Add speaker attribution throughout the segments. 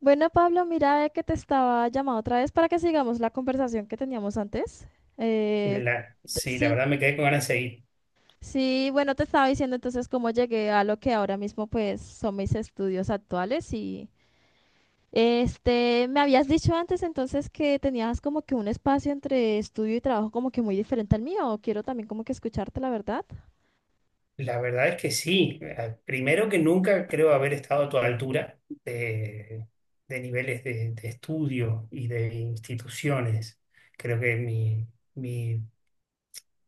Speaker 1: Bueno, Pablo, mira que te estaba llamando otra vez para que sigamos la conversación que teníamos antes. Eh,
Speaker 2: La-
Speaker 1: t-
Speaker 2: sí, la
Speaker 1: sí,
Speaker 2: verdad me quedé con ganas de seguir.
Speaker 1: sí, bueno, te estaba diciendo entonces cómo llegué a lo que ahora mismo pues son mis estudios actuales y me habías dicho antes entonces que tenías como que un espacio entre estudio y trabajo como que muy diferente al mío. Quiero también como que escucharte la verdad.
Speaker 2: La verdad es que sí. Primero que nunca creo haber estado a tu altura de niveles de estudio y de instituciones. Creo que mi,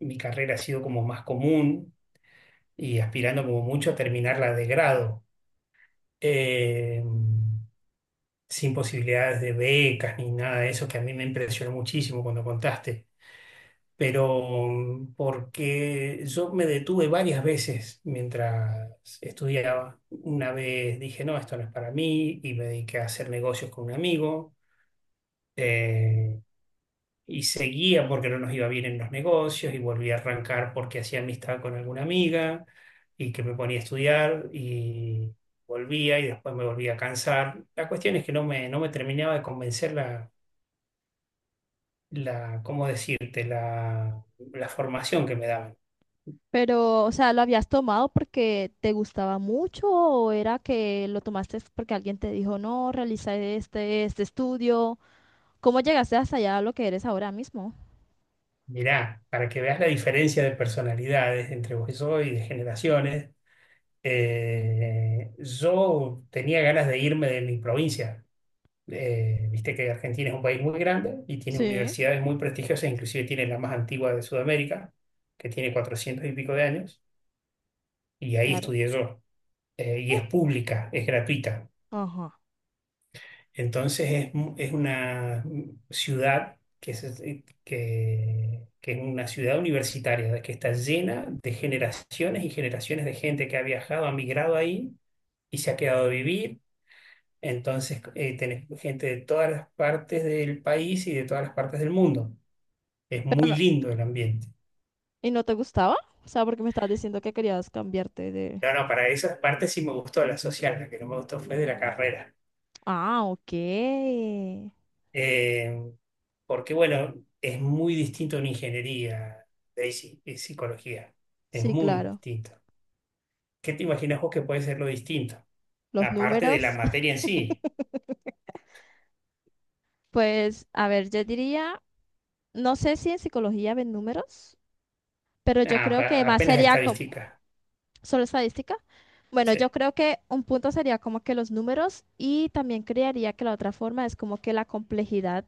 Speaker 2: mi carrera ha sido como más común y aspirando como mucho a terminarla de grado. Eh, sin posibilidades de becas ni nada de eso, que a mí me impresionó muchísimo cuando contaste. Pero porque yo me detuve varias veces mientras estudiaba. Una vez dije, no, esto no es para mí, y me dediqué a hacer negocios con un amigo, eh, y seguía porque no nos iba bien en los negocios, y volví a arrancar porque hacía amistad con alguna amiga, y que me ponía a estudiar, y volvía, y después me volvía a cansar. La cuestión es que no me terminaba de convencer ¿cómo decirte?, la formación que me daban.
Speaker 1: Pero, o sea, ¿lo habías tomado porque te gustaba mucho o era que lo tomaste porque alguien te dijo, no, realiza este estudio? ¿Cómo llegaste hasta allá a lo que eres ahora mismo?
Speaker 2: Mirá, para que veas la diferencia de personalidades entre vos y yo y de generaciones. Yo tenía ganas de irme de mi provincia. Viste que Argentina es un país muy grande y tiene
Speaker 1: Sí,
Speaker 2: universidades muy prestigiosas, inclusive tiene la más antigua de Sudamérica, que tiene 400 y pico de años, y ahí
Speaker 1: claro.
Speaker 2: estudié yo. Y
Speaker 1: Ah,
Speaker 2: es pública, es gratuita.
Speaker 1: ajá.
Speaker 2: Entonces es, es una ciudad que es, que es una ciudad universitaria, que está llena de generaciones y generaciones de gente que ha viajado, ha migrado ahí y se ha quedado a vivir. Entonces tenés gente de todas las partes del país y de todas las partes del mundo. Es
Speaker 1: Pero
Speaker 2: muy
Speaker 1: no,
Speaker 2: lindo el ambiente.
Speaker 1: ¿y no te gustaba? O sea, porque me estabas diciendo que querías cambiarte de.
Speaker 2: No, no, para esas partes sí me gustó la social, la que no me gustó fue de la carrera.
Speaker 1: Ah, ok.
Speaker 2: Eh, porque bueno, es muy distinto a una ingeniería, Daisy, y psicología. Es
Speaker 1: Sí,
Speaker 2: muy
Speaker 1: claro.
Speaker 2: distinto. ¿Qué te imaginas vos que puede ser lo distinto?
Speaker 1: Los
Speaker 2: Aparte de la
Speaker 1: números.
Speaker 2: materia en sí,
Speaker 1: Pues, a ver, yo diría, no sé si en psicología ven números, pero yo creo que más
Speaker 2: Apenas
Speaker 1: sería como
Speaker 2: estadística.
Speaker 1: solo estadística. Bueno, yo
Speaker 2: Sí,
Speaker 1: creo que un punto sería como que los números y también creería que la otra forma es como que la complejidad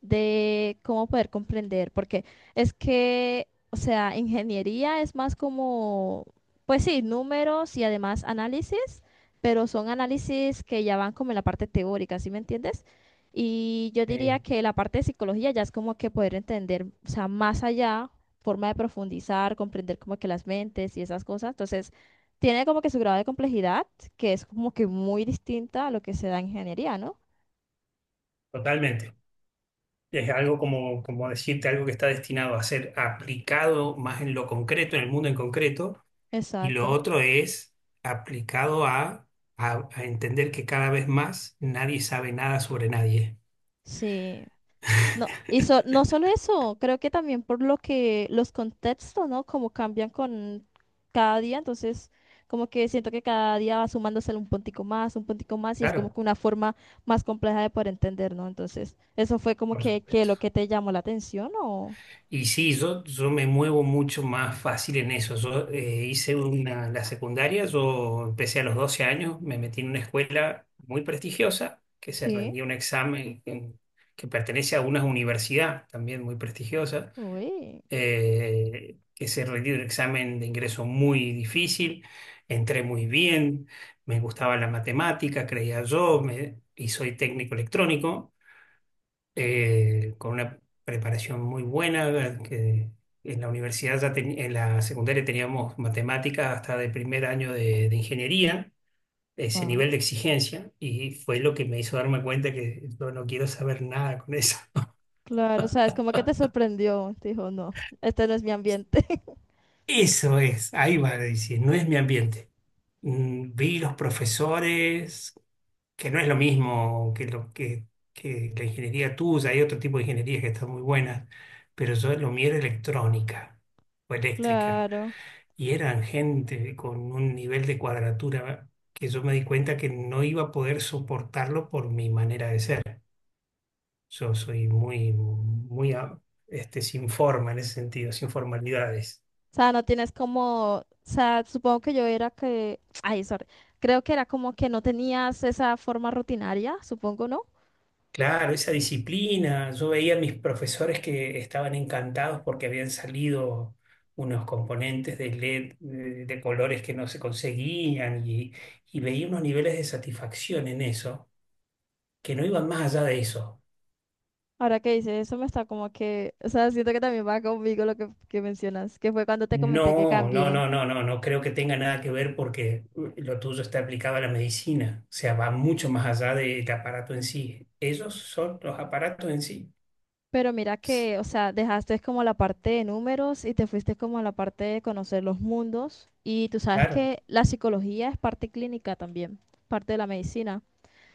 Speaker 1: de cómo poder comprender, porque es que, o sea, ingeniería es más como, pues sí, números y además análisis, pero son análisis que ya van como en la parte teórica, ¿sí me entiendes? Y yo diría
Speaker 2: eh,
Speaker 1: que la parte de psicología ya es como que poder entender, o sea, más allá, forma de profundizar, comprender como que las mentes y esas cosas. Entonces, tiene como que su grado de complejidad, que es como que muy distinta a lo que se da en ingeniería, ¿no?
Speaker 2: totalmente. Es algo como, como decirte algo que está destinado a ser aplicado más en lo concreto, en el mundo en concreto, y lo
Speaker 1: Exacto.
Speaker 2: otro es aplicado a, a entender que cada vez más nadie sabe nada sobre nadie.
Speaker 1: Sí. No solo eso, creo que también por lo que los contextos, ¿no? Como cambian con cada día, entonces como que siento que cada día va sumándose un puntico más, y es como
Speaker 2: Claro.
Speaker 1: que una forma más compleja de poder entender, ¿no? Entonces, eso fue como
Speaker 2: Por
Speaker 1: que
Speaker 2: supuesto.
Speaker 1: lo que te llamó la atención, ¿o?
Speaker 2: Y sí, yo me muevo mucho más fácil en eso. Yo hice una, la secundaria, yo empecé a los 12 años, me metí en una escuela muy prestigiosa, que se
Speaker 1: Sí,
Speaker 2: rendía un examen que pertenece a una universidad también muy prestigiosa,
Speaker 1: uy,
Speaker 2: que se rendía un examen de ingreso muy difícil, entré muy bien, me gustaba la matemática, creía yo, y soy técnico electrónico. Con una preparación muy buena, que en la universidad ya en la secundaria teníamos matemáticas hasta de primer año de ingeniería, ese
Speaker 1: va.
Speaker 2: nivel de exigencia, y fue lo que me hizo darme cuenta que yo no quiero saber nada con eso.
Speaker 1: Claro, o sea, es como que te sorprendió, te dijo, no, este no es mi ambiente.
Speaker 2: Eso es, ahí va, a decir, no es mi ambiente. Vi los profesores, que no es lo mismo que que la ingeniería tuya, hay otro tipo de ingenierías que están muy buenas, pero yo lo mío era electrónica o eléctrica.
Speaker 1: Claro.
Speaker 2: Y eran gente con un nivel de cuadratura que yo me di cuenta que no iba a poder soportarlo por mi manera de ser. Yo soy muy sin forma en ese sentido, sin formalidades.
Speaker 1: O sea, no tienes como, o sea, supongo que yo era que, ay, sorry, creo que era como que no tenías esa forma rutinaria, supongo, ¿no?
Speaker 2: Claro, esa disciplina. Yo veía a mis profesores que estaban encantados porque habían salido unos componentes de LED de colores que no se conseguían, y veía unos niveles de satisfacción en eso que no iban más allá de eso.
Speaker 1: Ahora que dices eso me está como que, o sea, siento que también va conmigo lo que mencionas, que fue cuando te comenté que
Speaker 2: No, no,
Speaker 1: cambié.
Speaker 2: no, no, no, no creo que tenga nada que ver porque lo tuyo está aplicado a la medicina, o sea, va mucho más allá del aparato en sí. Ellos son los aparatos en sí.
Speaker 1: Pero mira
Speaker 2: S-
Speaker 1: que, o sea, dejaste como la parte de números y te fuiste como a la parte de conocer los mundos. Y tú sabes
Speaker 2: Claro,
Speaker 1: que la psicología es parte clínica también, parte de la medicina.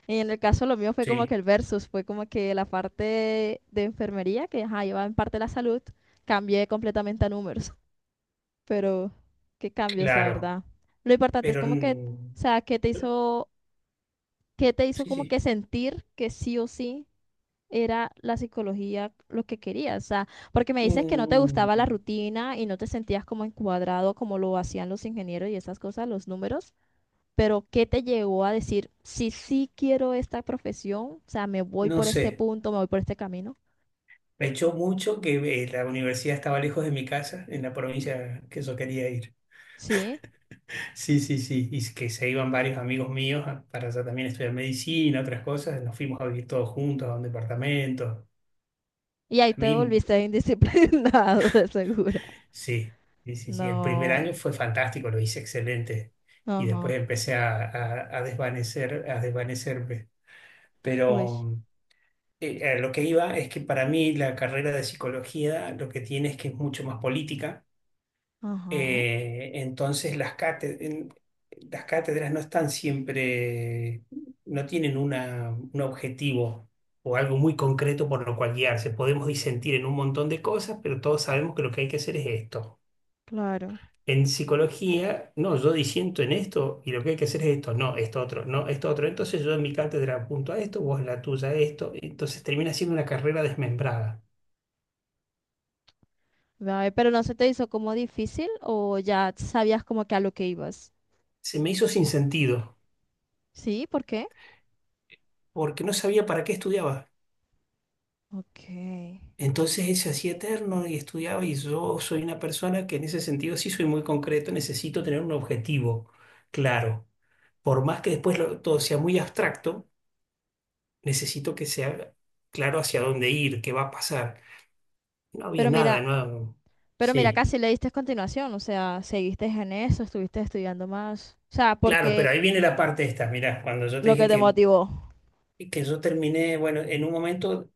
Speaker 1: Y en el caso lo mío fue como
Speaker 2: sí,
Speaker 1: que el versus, fue como que la parte de enfermería, que ajá, iba en parte de la salud, cambié completamente a números. Pero qué cambios, la
Speaker 2: claro,
Speaker 1: verdad. Lo importante es
Speaker 2: pero
Speaker 1: como que, o sea, qué te hizo
Speaker 2: sí,
Speaker 1: como
Speaker 2: sí.
Speaker 1: que sentir que sí o sí era la psicología lo que querías. O sea, porque me dices que no te gustaba
Speaker 2: Mm,
Speaker 1: la rutina y no te sentías como encuadrado como lo hacían los ingenieros y esas cosas, los números. Pero, ¿qué te llevó a decir, sí sí quiero esta profesión, o sea, me voy
Speaker 2: No
Speaker 1: por
Speaker 2: sé,
Speaker 1: este punto, me voy por este camino?
Speaker 2: me echó mucho que la universidad estaba lejos de mi casa, en la provincia que yo quería ir.
Speaker 1: Sí.
Speaker 2: Sí, sí, sí. Y que se iban varios amigos míos para allá también estudiar medicina, otras cosas. Nos fuimos a vivir todos juntos a un departamento.
Speaker 1: Y ahí
Speaker 2: A
Speaker 1: te
Speaker 2: mí,
Speaker 1: volviste indisciplinado, de segura.
Speaker 2: sí, sí, sí, sí. El primer
Speaker 1: No.
Speaker 2: año fue fantástico, lo hice excelente. Y después
Speaker 1: Ajá.
Speaker 2: empecé a, a desvanecer, a desvanecerme.
Speaker 1: Uy.
Speaker 2: Pero a lo que iba es que para mí la carrera de psicología lo que tiene es que es mucho más política.
Speaker 1: Ajá.
Speaker 2: Entonces las las cátedras no están siempre, no tienen un objetivo o algo muy concreto por lo cual guiarse. Podemos disentir en un montón de cosas, pero todos sabemos que lo que hay que hacer es esto.
Speaker 1: Claro.
Speaker 2: En psicología, no, yo disiento en esto y lo que hay que hacer es esto, no, esto otro, no, esto otro. Entonces yo en mi cátedra apunto a esto, vos en la tuya a esto. Entonces termina siendo una carrera desmembrada.
Speaker 1: Ay, pero no se te hizo como difícil o ya sabías como que a lo que ibas.
Speaker 2: Se me hizo sin sentido,
Speaker 1: Sí, ¿por qué?
Speaker 2: porque no sabía para qué estudiaba.
Speaker 1: Ok.
Speaker 2: Entonces él se hacía eterno y estudiaba y yo soy una persona que en ese sentido sí soy muy concreto, necesito tener un objetivo claro. Por más que después todo sea muy abstracto, necesito que sea claro hacia dónde ir, qué va a pasar. No había
Speaker 1: Pero
Speaker 2: nada,
Speaker 1: mira,
Speaker 2: no.
Speaker 1: pero mira,
Speaker 2: Sí,
Speaker 1: casi le diste continuación, o sea, seguiste en eso, estuviste estudiando más. O sea,
Speaker 2: claro, pero
Speaker 1: porque
Speaker 2: ahí viene la parte esta, mirá, cuando yo te
Speaker 1: lo que
Speaker 2: dije
Speaker 1: te motivó.
Speaker 2: que yo terminé, bueno, en un momento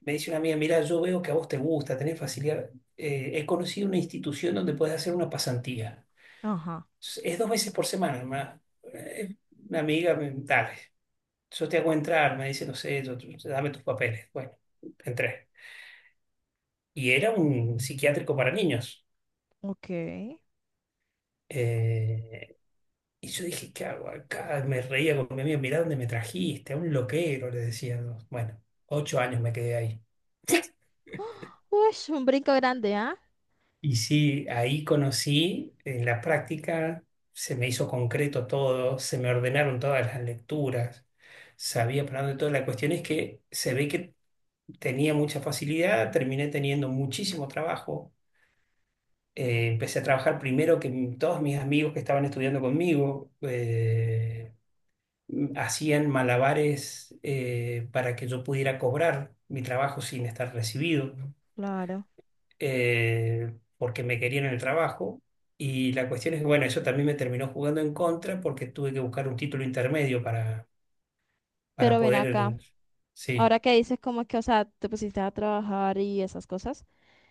Speaker 2: me dice una amiga, mirá, yo veo que a vos te gusta, tenés facilidad. He conocido una institución donde puedes hacer una pasantía.
Speaker 1: Ajá.
Speaker 2: Es dos veces por semana, hermana. Eh, Una amiga, dale, yo te hago entrar, me dice, no sé, dame tus papeles. Bueno, entré. Y era un psiquiátrico para niños.
Speaker 1: Ok, uy,
Speaker 2: Eh, y yo dije, ¿qué hago acá? Me reía con mi amigo, mirá dónde me trajiste, a un loquero, le decía. ¿No? Bueno, 8 años me quedé ahí.
Speaker 1: un brinco grande, ¿ah?
Speaker 2: Y sí, ahí conocí, en la práctica se me hizo concreto todo, se me ordenaron todas las lecturas, sabía para dónde todo. La cuestión es que se ve que tenía mucha facilidad, terminé teniendo muchísimo trabajo. Empecé a trabajar primero que todos mis amigos que estaban estudiando conmigo, hacían malabares para que yo pudiera cobrar mi trabajo sin estar recibido.
Speaker 1: Claro.
Speaker 2: Porque me querían en el trabajo. Y la cuestión es que, bueno, eso también me terminó jugando en contra porque tuve que buscar un título intermedio para
Speaker 1: Pero ven acá,
Speaker 2: poder, sí,
Speaker 1: ahora que dices como que, o sea, te pusiste a trabajar y esas cosas,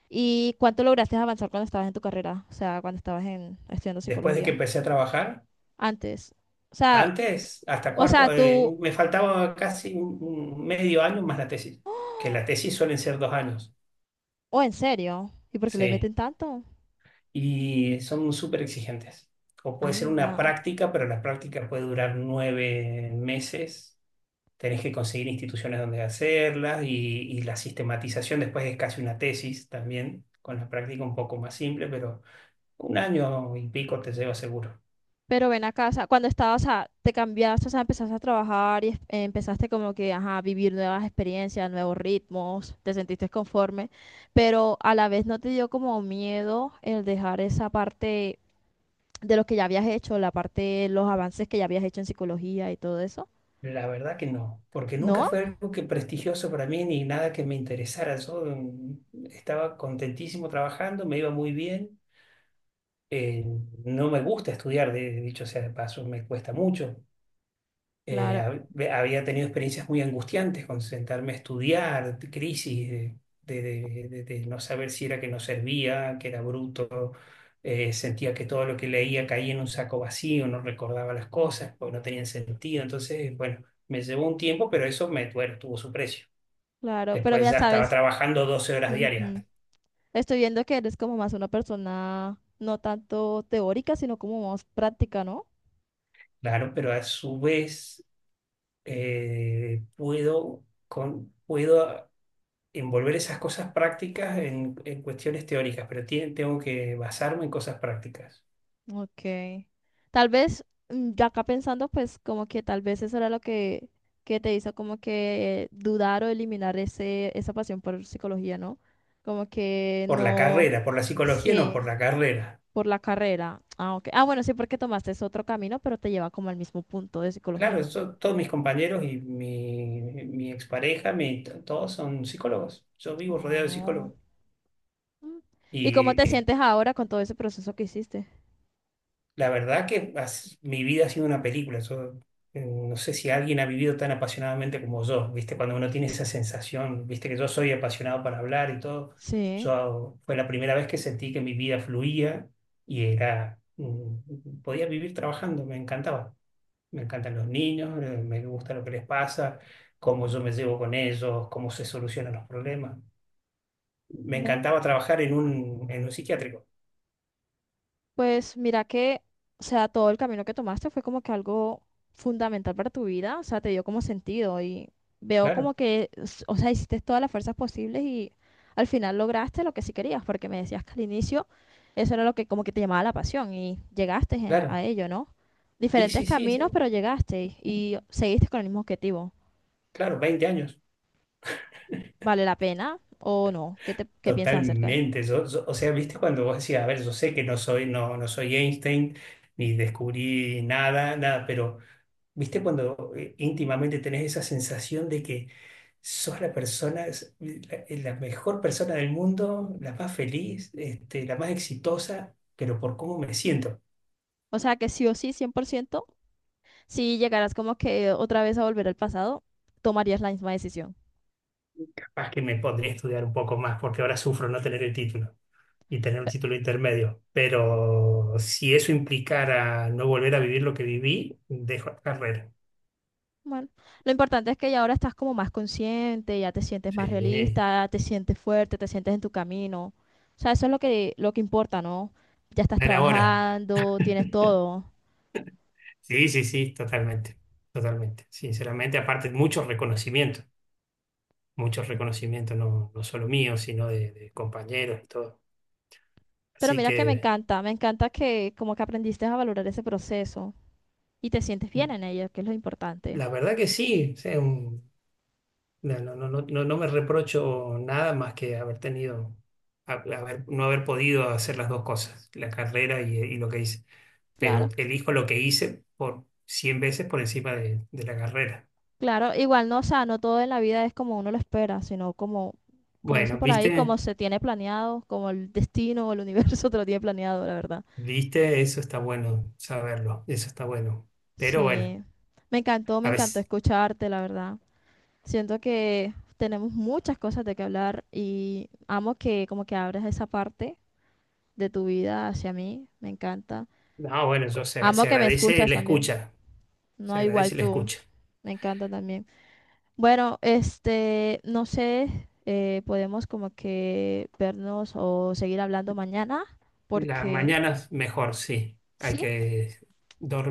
Speaker 1: ¿y cuánto lograste avanzar cuando estabas en tu carrera? O sea, cuando estabas en, estudiando
Speaker 2: después de que
Speaker 1: psicología,
Speaker 2: empecé a trabajar,
Speaker 1: antes. O sea,
Speaker 2: antes, hasta
Speaker 1: o sea,
Speaker 2: cuarto,
Speaker 1: tú,
Speaker 2: me faltaba casi un medio año más la tesis, que la tesis suelen ser dos años,
Speaker 1: o en serio, ¿y por qué le
Speaker 2: sí,
Speaker 1: meten tanto?
Speaker 2: y son súper exigentes. O puede ser una
Speaker 1: Anda.
Speaker 2: práctica, pero la práctica puede durar 9 meses, tenés que conseguir instituciones donde hacerlas, y la sistematización después es casi una tesis también, con la práctica un poco más simple, pero un año y pico te lleva seguro.
Speaker 1: Pero ven acá, o sea, cuando estabas, o sea, te cambiaste, o sea, empezaste a trabajar y empezaste como que, ajá, a vivir nuevas experiencias, nuevos ritmos, te sentiste conforme, pero a la vez no te dio como miedo el dejar esa parte de lo que ya habías hecho, la parte, los avances que ya habías hecho en psicología y todo eso.
Speaker 2: La verdad que no, porque nunca
Speaker 1: ¿No?
Speaker 2: fue algo que prestigioso para mí ni nada que me interesara. Yo estaba contentísimo trabajando, me iba muy bien. Eh, no me gusta estudiar, de, dicho sea de paso, me cuesta mucho.
Speaker 1: Claro,
Speaker 2: Había tenido experiencias muy angustiantes con sentarme a estudiar, crisis de no saber si era que no servía, que era bruto. Sentía que todo lo que leía caía en un saco vacío, no recordaba las cosas, porque no tenían sentido. Entonces, bueno, me llevó un tiempo, pero eso me, bueno, tuvo su precio.
Speaker 1: claro, pero
Speaker 2: Después
Speaker 1: mira,
Speaker 2: ya estaba
Speaker 1: sabes,
Speaker 2: trabajando 12 horas diarias,
Speaker 1: ujú. Estoy viendo que eres como más una persona no tanto teórica, sino como más práctica, ¿no?
Speaker 2: claro, pero a su vez puedo envolver esas cosas prácticas en cuestiones teóricas, pero tengo que basarme en cosas prácticas.
Speaker 1: Ok. Tal vez, ya acá pensando, pues como que tal vez eso era lo que te hizo como que dudar o eliminar esa pasión por psicología, ¿no? Como que
Speaker 2: Por la
Speaker 1: no,
Speaker 2: carrera, por la psicología, no, por
Speaker 1: sí,
Speaker 2: la carrera.
Speaker 1: por la carrera. Ah, ok. Ah, bueno, sí, porque tomaste ese otro camino, pero te lleva como al mismo punto de
Speaker 2: Claro,
Speaker 1: psicología.
Speaker 2: todos mis compañeros y mi expareja, todos son psicólogos. Yo vivo rodeado de
Speaker 1: Oh.
Speaker 2: psicólogos.
Speaker 1: Mm. ¿Y cómo te
Speaker 2: Y
Speaker 1: sientes ahora con todo ese proceso que hiciste?
Speaker 2: la verdad que mi vida ha sido una película. Yo, no sé si alguien ha vivido tan apasionadamente como yo, ¿viste? Cuando uno tiene esa sensación, ¿viste? Que yo soy apasionado para hablar y todo.
Speaker 1: Sí.
Speaker 2: Yo fue la primera vez que sentí que mi vida fluía y era, podía vivir trabajando, me encantaba. Me encantan los niños, me gusta lo que les pasa, cómo yo me llevo con ellos, cómo se solucionan los problemas. Me
Speaker 1: ¿Ve?
Speaker 2: encantaba trabajar en un psiquiátrico.
Speaker 1: Pues mira que, o sea, todo el camino que tomaste fue como que algo fundamental para tu vida, o sea, te dio como sentido y veo como
Speaker 2: Claro,
Speaker 1: que, o sea, hiciste todas las fuerzas posibles y al final lograste lo que sí querías, porque me decías que al inicio eso era lo que como que te llamaba la pasión y llegaste a
Speaker 2: claro.
Speaker 1: ello, ¿no?
Speaker 2: Sí,
Speaker 1: Diferentes
Speaker 2: sí, sí, sí.
Speaker 1: caminos, pero llegaste y seguiste con el mismo objetivo.
Speaker 2: Claro, 20 años.
Speaker 1: ¿Vale la pena o no? ¿Qué te, qué piensas acerca de?
Speaker 2: Totalmente. O sea, viste cuando vos decías, a ver, yo sé que no soy, no, no soy Einstein, ni descubrí nada, nada, pero viste cuando íntimamente tenés esa sensación de que sos la persona, la mejor persona del mundo, la más feliz, la más exitosa, pero por cómo me siento.
Speaker 1: O sea, que sí o sí, 100%. Si llegaras como que otra vez a volver al pasado, tomarías la misma decisión.
Speaker 2: Capaz que me podría estudiar un poco más, porque ahora sufro no tener el título y tener un
Speaker 1: Pe-
Speaker 2: título intermedio. Pero si eso implicara no volver a vivir lo que viví, dejo la carrera.
Speaker 1: Bueno, lo importante es que ya ahora estás como más consciente, ya te sientes más
Speaker 2: Sí,
Speaker 1: realista, te sientes fuerte, te sientes en tu camino. O sea, eso es lo que importa, ¿no? Ya estás
Speaker 2: dar ahora.
Speaker 1: trabajando, tienes todo.
Speaker 2: Sí, sí, sí, totalmente, totalmente. Sinceramente, aparte, muchos reconocimientos, no, no solo míos, sino de compañeros y todo.
Speaker 1: Pero
Speaker 2: Así
Speaker 1: mira que
Speaker 2: que,
Speaker 1: me encanta que como que aprendiste a valorar ese proceso y te sientes bien en ello, que es lo importante.
Speaker 2: la verdad que sí, o sea, no, no, no, no, no me reprocho nada más que haber tenido, no haber podido hacer las dos cosas, la carrera y lo que hice. Pero
Speaker 1: Claro.
Speaker 2: elijo lo que hice por 100 veces por encima de la carrera.
Speaker 1: Claro, igual no, o sea, no todo en la vida es como uno lo espera, sino como, como dicen
Speaker 2: Bueno,
Speaker 1: por ahí, como
Speaker 2: ¿viste?
Speaker 1: se tiene planeado, como el destino o el universo te lo tiene planeado, la verdad.
Speaker 2: ¿Viste? Eso está bueno saberlo, eso está bueno. Pero bueno,
Speaker 1: Sí, me
Speaker 2: a
Speaker 1: encantó
Speaker 2: veces,
Speaker 1: escucharte, la verdad. Siento que tenemos muchas cosas de qué hablar y amo que como que abres esa parte de tu vida hacia mí, me encanta.
Speaker 2: no, bueno,
Speaker 1: Amo
Speaker 2: se
Speaker 1: que me
Speaker 2: agradece
Speaker 1: escuchas
Speaker 2: la
Speaker 1: también,
Speaker 2: escucha, se
Speaker 1: no igual
Speaker 2: agradece la
Speaker 1: tú,
Speaker 2: escucha.
Speaker 1: me encanta también. Bueno, no sé, podemos como que vernos o seguir hablando mañana,
Speaker 2: La
Speaker 1: porque
Speaker 2: mañana es mejor, sí, hay
Speaker 1: sí,
Speaker 2: que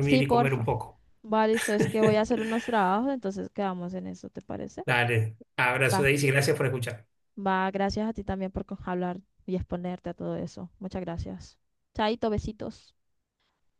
Speaker 1: sí,
Speaker 2: y comer un
Speaker 1: porfa.
Speaker 2: poco.
Speaker 1: Vale, listo, es que voy a hacer unos trabajos, entonces quedamos en eso, ¿te parece?
Speaker 2: Dale, abrazo
Speaker 1: Va,
Speaker 2: Daisy, gracias por escuchar.
Speaker 1: va, gracias a ti también por hablar y exponerte a todo eso. Muchas gracias. Chaito, besitos.